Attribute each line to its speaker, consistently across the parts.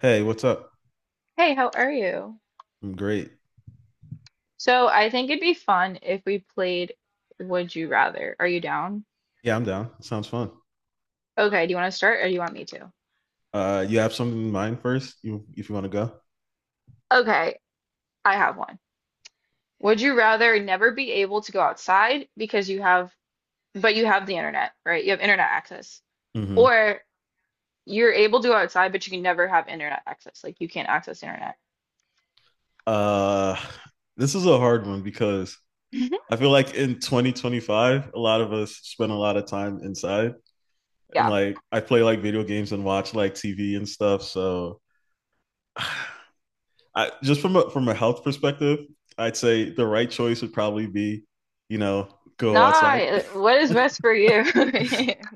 Speaker 1: Hey, what's up?
Speaker 2: Hey, how are you?
Speaker 1: I'm great.
Speaker 2: So I think it'd be fun if we played Would You Rather. Are you down?
Speaker 1: Yeah, I'm down. Sounds fun.
Speaker 2: Okay, do you want to start or do you want me to?
Speaker 1: You have something in mind first? You, if you want to go.
Speaker 2: Okay, I have one. Would you rather never be able to go outside because you have, but you have the internet, right? You have internet access.
Speaker 1: Hmm.
Speaker 2: Or you're able to go outside, but you can never have internet access. Like you can't access internet.
Speaker 1: Uh, this is a hard one because I feel like in 2025, a lot of us spend a lot of time inside, and
Speaker 2: Yeah.
Speaker 1: like I play like video games and watch like TV and stuff. So, I just from a health perspective, I'd say the right choice would probably be, you know, go outside.
Speaker 2: Nah, what is best for you?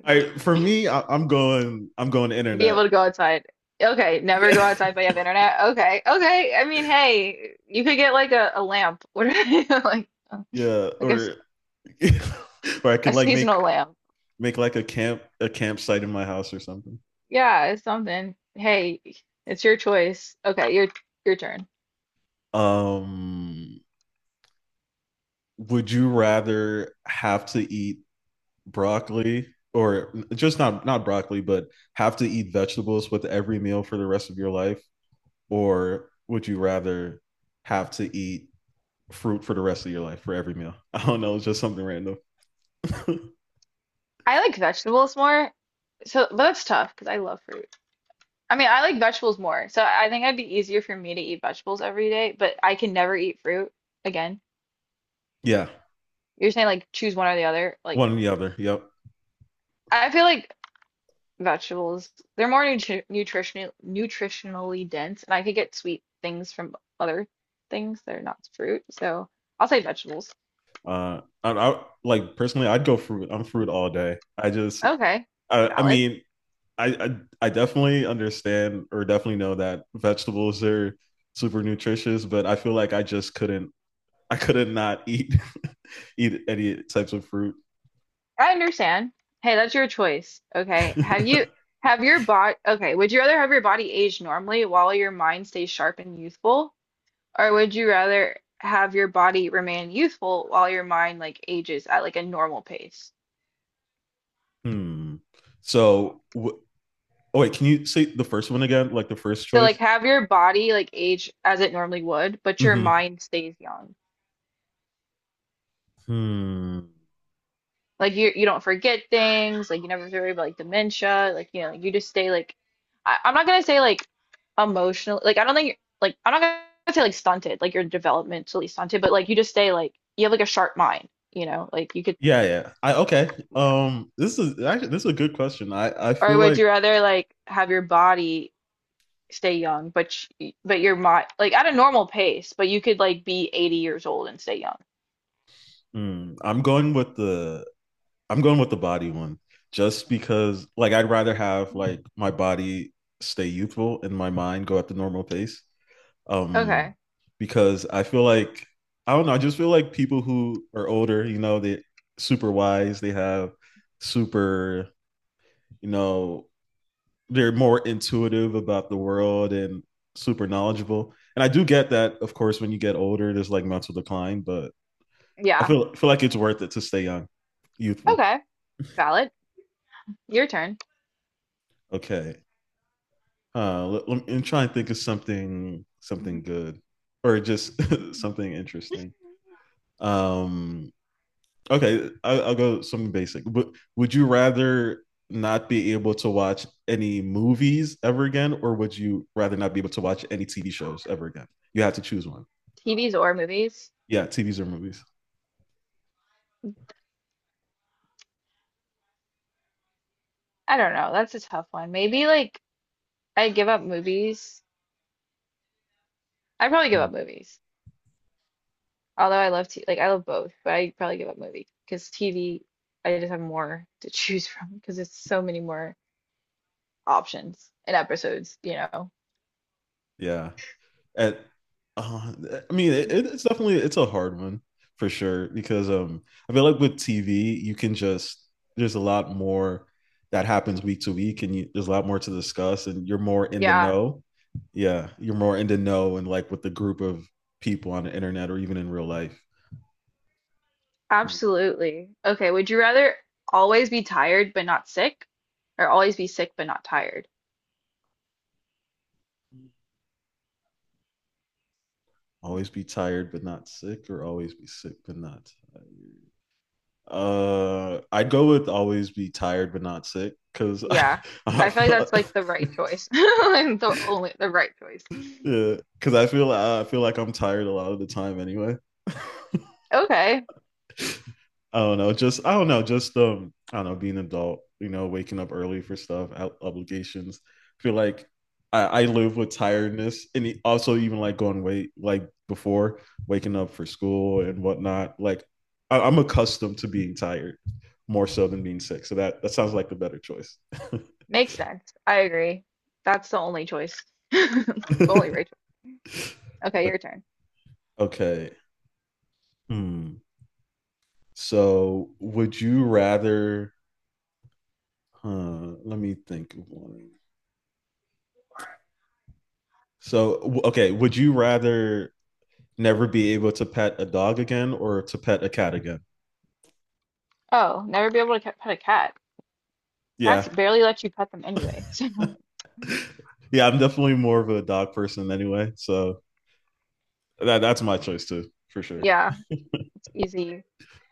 Speaker 1: I for me, I, I'm going
Speaker 2: Be
Speaker 1: internet.
Speaker 2: able to go outside. Okay, never go outside but you have internet. Okay, okay. I mean, hey, you could get like a lamp. What are you
Speaker 1: yeah,
Speaker 2: like
Speaker 1: or or I
Speaker 2: a
Speaker 1: could like
Speaker 2: seasonal lamp?
Speaker 1: make like a campsite in my house or something.
Speaker 2: Yeah, it's something. Hey, it's your choice. Okay, your turn.
Speaker 1: Um, would you rather have to eat broccoli or just not broccoli, but have to eat vegetables with every meal for the rest of your life, or would you rather have to eat fruit for the rest of your life for every meal? I don't know, it's just something random.
Speaker 2: I like vegetables more. So, but that's tough because I love fruit. I mean, I like vegetables more. So I think it'd be easier for me to eat vegetables every day, but I can never eat fruit again.
Speaker 1: yeah,
Speaker 2: You're saying like choose one or the other. Like
Speaker 1: one or the other. Yep.
Speaker 2: I feel like vegetables. They're more nutritionally dense, and I could get sweet things from other things that are not fruit. So I'll say vegetables.
Speaker 1: I like personally, I'd go fruit. I'm fruit all day. I just,
Speaker 2: Okay,
Speaker 1: I, I
Speaker 2: valid.
Speaker 1: mean, I definitely understand or definitely know that vegetables are super nutritious, but I feel like I just couldn't I couldn't not eat eat any types of fruit.
Speaker 2: I understand. Hey, that's your choice. Okay. Have you have your body Okay, would you rather have your body age normally while your mind stays sharp and youthful, or would you rather have your body remain youthful while your mind like ages at like a normal pace?
Speaker 1: hmm. So w- oh wait, can you say the first one again? Like the first
Speaker 2: So
Speaker 1: choice?
Speaker 2: like have your body like age as it normally would, but your
Speaker 1: Hmm.
Speaker 2: mind stays young.
Speaker 1: Hmm.
Speaker 2: Like you don't forget things, like you never worry about like dementia, like you know, you just stay like I'm not gonna say like emotional, like I don't think like I'm not gonna say like stunted, like you're developmentally stunted, but like you just stay like you have like a sharp mind, you know, like you could
Speaker 1: Yeah, yeah. I okay.
Speaker 2: yeah.
Speaker 1: This is actually this is a good question. I
Speaker 2: Or
Speaker 1: feel
Speaker 2: would
Speaker 1: like
Speaker 2: you rather like have your body stay young but but your mind like at a normal pace, but you could like be 80 years old and stay young.
Speaker 1: hmm, I'm going with the I'm going with the body one just because like I'd rather have like my body stay youthful and my mind go at the normal pace. Um,
Speaker 2: Okay.
Speaker 1: because I feel like I don't know, I just feel like people who are older, you know, they super wise, they have super, you know, they're more intuitive about the world and super knowledgeable. And I do get that, of course, when you get older, there's like mental decline, but I
Speaker 2: Yeah.
Speaker 1: feel feel like it's worth it to stay young, youthful.
Speaker 2: Okay. Valid. Your turn.
Speaker 1: Okay. Let me try and think of something good or just something interesting. Um, okay, I'll go something basic. But would you rather not be able to watch any movies ever again, or would you rather not be able to watch any TV shows ever again? You have to choose one.
Speaker 2: TVs or movies?
Speaker 1: Yeah, TVs or movies.
Speaker 2: I don't know. That's a tough one. Maybe like I give up movies. I probably give
Speaker 1: Hmm.
Speaker 2: up movies. Although I love t like I love both, but I probably give up movie because TV I just have more to choose from because it's so many more options and episodes, you know.
Speaker 1: Yeah. At uh, I mean, it's definitely it's a hard one for sure because um, I feel like with TV you can just there's a lot more that happens week to week and you, there's a lot more to discuss and you're more in the
Speaker 2: Yeah,
Speaker 1: know. Yeah, you're more in the know and like with the group of people on the internet or even in real life
Speaker 2: absolutely. Okay, would you rather always be tired but not sick or always be sick but not tired?
Speaker 1: always be tired but not sick or always be sick but not tired? I'd go with always be tired but not sick because
Speaker 2: Yeah.
Speaker 1: I
Speaker 2: I feel like
Speaker 1: feel
Speaker 2: that's like the right choice. Like the only the right choice.
Speaker 1: yeah because I feel like I'm tired a lot of the time anyway.
Speaker 2: Okay.
Speaker 1: I don't know, just I don't know, just I don't know, being an adult, you know, waking up early for stuff, obligations. I feel like I live with tiredness, and also even like like before waking up for school and whatnot. Like I'm accustomed to being tired more so than being sick. So that sounds like the better choice.
Speaker 2: Makes sense. I agree. That's the only choice. The only right choice. Okay, your turn.
Speaker 1: okay. Hmm. So would you rather? Huh, let me think of one. Okay, would you rather never be able to pet a dog again or to pet a cat again.
Speaker 2: Oh, never be able to pet a cat. Cats
Speaker 1: Yeah.
Speaker 2: barely let you pet them anyway. So
Speaker 1: Yeah, I'm definitely more of a dog person anyway. So that's my choice too, for sure.
Speaker 2: yeah, it's easy.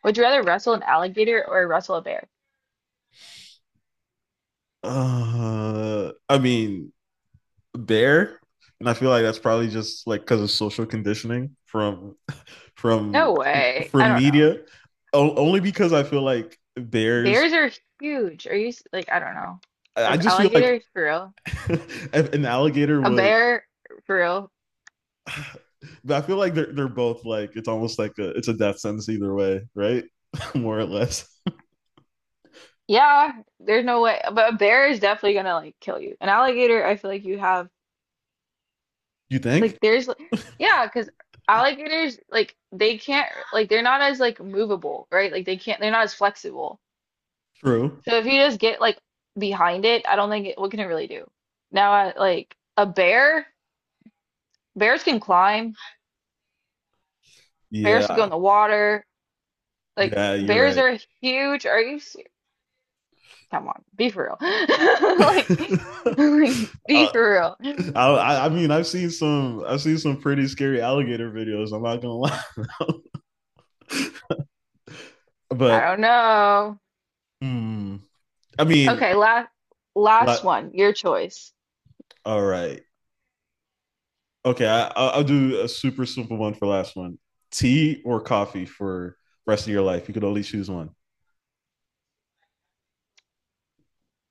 Speaker 2: Would you rather wrestle an alligator or wrestle a bear?
Speaker 1: Uh, I mean, bear, and I feel like that's probably just like cuz of social conditioning from
Speaker 2: No way. I
Speaker 1: from
Speaker 2: don't know.
Speaker 1: media. Only because I feel like bears
Speaker 2: Bears are huge. Are you like I don't know.
Speaker 1: I
Speaker 2: An
Speaker 1: just feel like
Speaker 2: alligator for real?
Speaker 1: an alligator
Speaker 2: A
Speaker 1: would
Speaker 2: bear for real?
Speaker 1: but I feel like they're both like it's almost like a it's a death sentence either way, right? More or less.
Speaker 2: Yeah, there's no way. But a bear is definitely gonna like kill you. An alligator, I feel like you have.
Speaker 1: You think?
Speaker 2: Like there's like- yeah, because alligators like they're not as like movable, right? Like they're not as flexible.
Speaker 1: True.
Speaker 2: So if you just get like behind it, I don't think it, what can it really do? Now I, like a bear, bears can climb, bears can go in
Speaker 1: Yeah.
Speaker 2: the water. Like
Speaker 1: Yeah, you're
Speaker 2: bears
Speaker 1: right.
Speaker 2: are huge. Come on, be for real. Like, like be
Speaker 1: Uh,
Speaker 2: for real.
Speaker 1: I mean, I've seen some pretty scary alligator videos. I'm not gonna lie,
Speaker 2: I
Speaker 1: but
Speaker 2: don't know.
Speaker 1: hmm, I mean,
Speaker 2: Okay, last
Speaker 1: la-
Speaker 2: one, your choice.
Speaker 1: all right, okay. I'll do a super simple one for last one: tea or coffee for rest of your life. You could only choose one.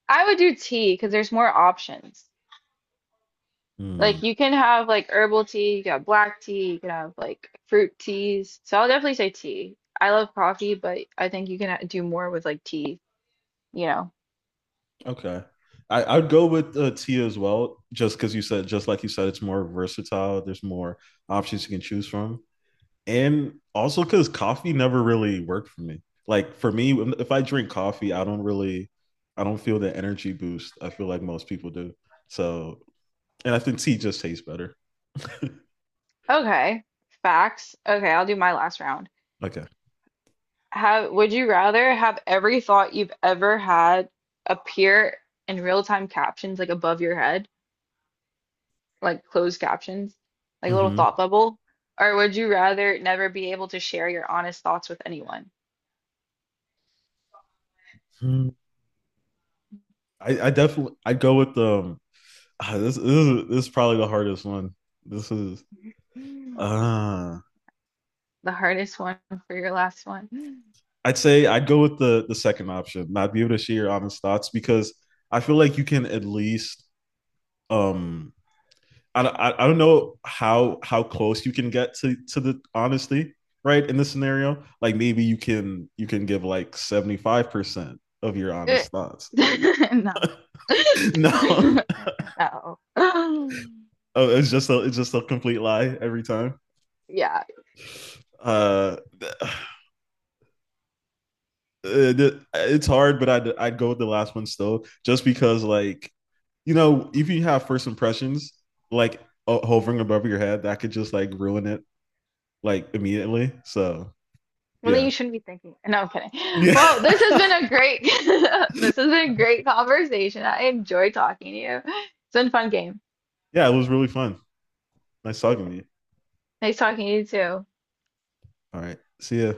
Speaker 2: I would do tea because there's more options.
Speaker 1: Hmm.
Speaker 2: Like you can have like herbal tea, you can have black tea, you can have like fruit teas. So I'll definitely say tea. I love coffee, but I think you can do more with like tea, you know.
Speaker 1: Okay. I'd go with Tia as well, just because you said, just like you said, it's more versatile. There's more options you can choose from. And also because coffee never really worked for me. Like for me, if I drink coffee, I don't really, I don't feel the energy boost. I feel like most people do. So, and I think tea just tastes better.
Speaker 2: Okay. Facts. Okay, I'll do my last round.
Speaker 1: Okay.
Speaker 2: Have Would you rather have every thought you've ever had appear in real-time captions like above your head, like closed captions, like a little
Speaker 1: Hmm.
Speaker 2: thought bubble, or would you rather never be able to share your honest thoughts with anyone?
Speaker 1: I definitely, I'd go with ah, this is probably the hardest one. This is, ah.
Speaker 2: The hardest one for your last one.
Speaker 1: I'd say I'd go with the second option, not be able to share your honest thoughts because I feel like you can at least um, I don't know how close you can get to the honesty right in this scenario like maybe you can give like 75% of your
Speaker 2: Eh,
Speaker 1: honest thoughts
Speaker 2: no.
Speaker 1: no oh,
Speaker 2: No.
Speaker 1: it's just a complete lie every time
Speaker 2: Yeah.
Speaker 1: uh, uh, it's hard, but I'd go with the last one still, just because like you know if you have first impressions like hovering above your head, that could just like ruin it like immediately. So
Speaker 2: Well, then
Speaker 1: yeah,
Speaker 2: you shouldn't be thinking. No, I'm kidding. Well, this has been
Speaker 1: yeah,
Speaker 2: a great this has been a great conversation. I enjoy talking to you. It's been a fun game.
Speaker 1: yeah. It was really fun. Nice talking to you.
Speaker 2: Nice talking to you too.
Speaker 1: All right, see ya.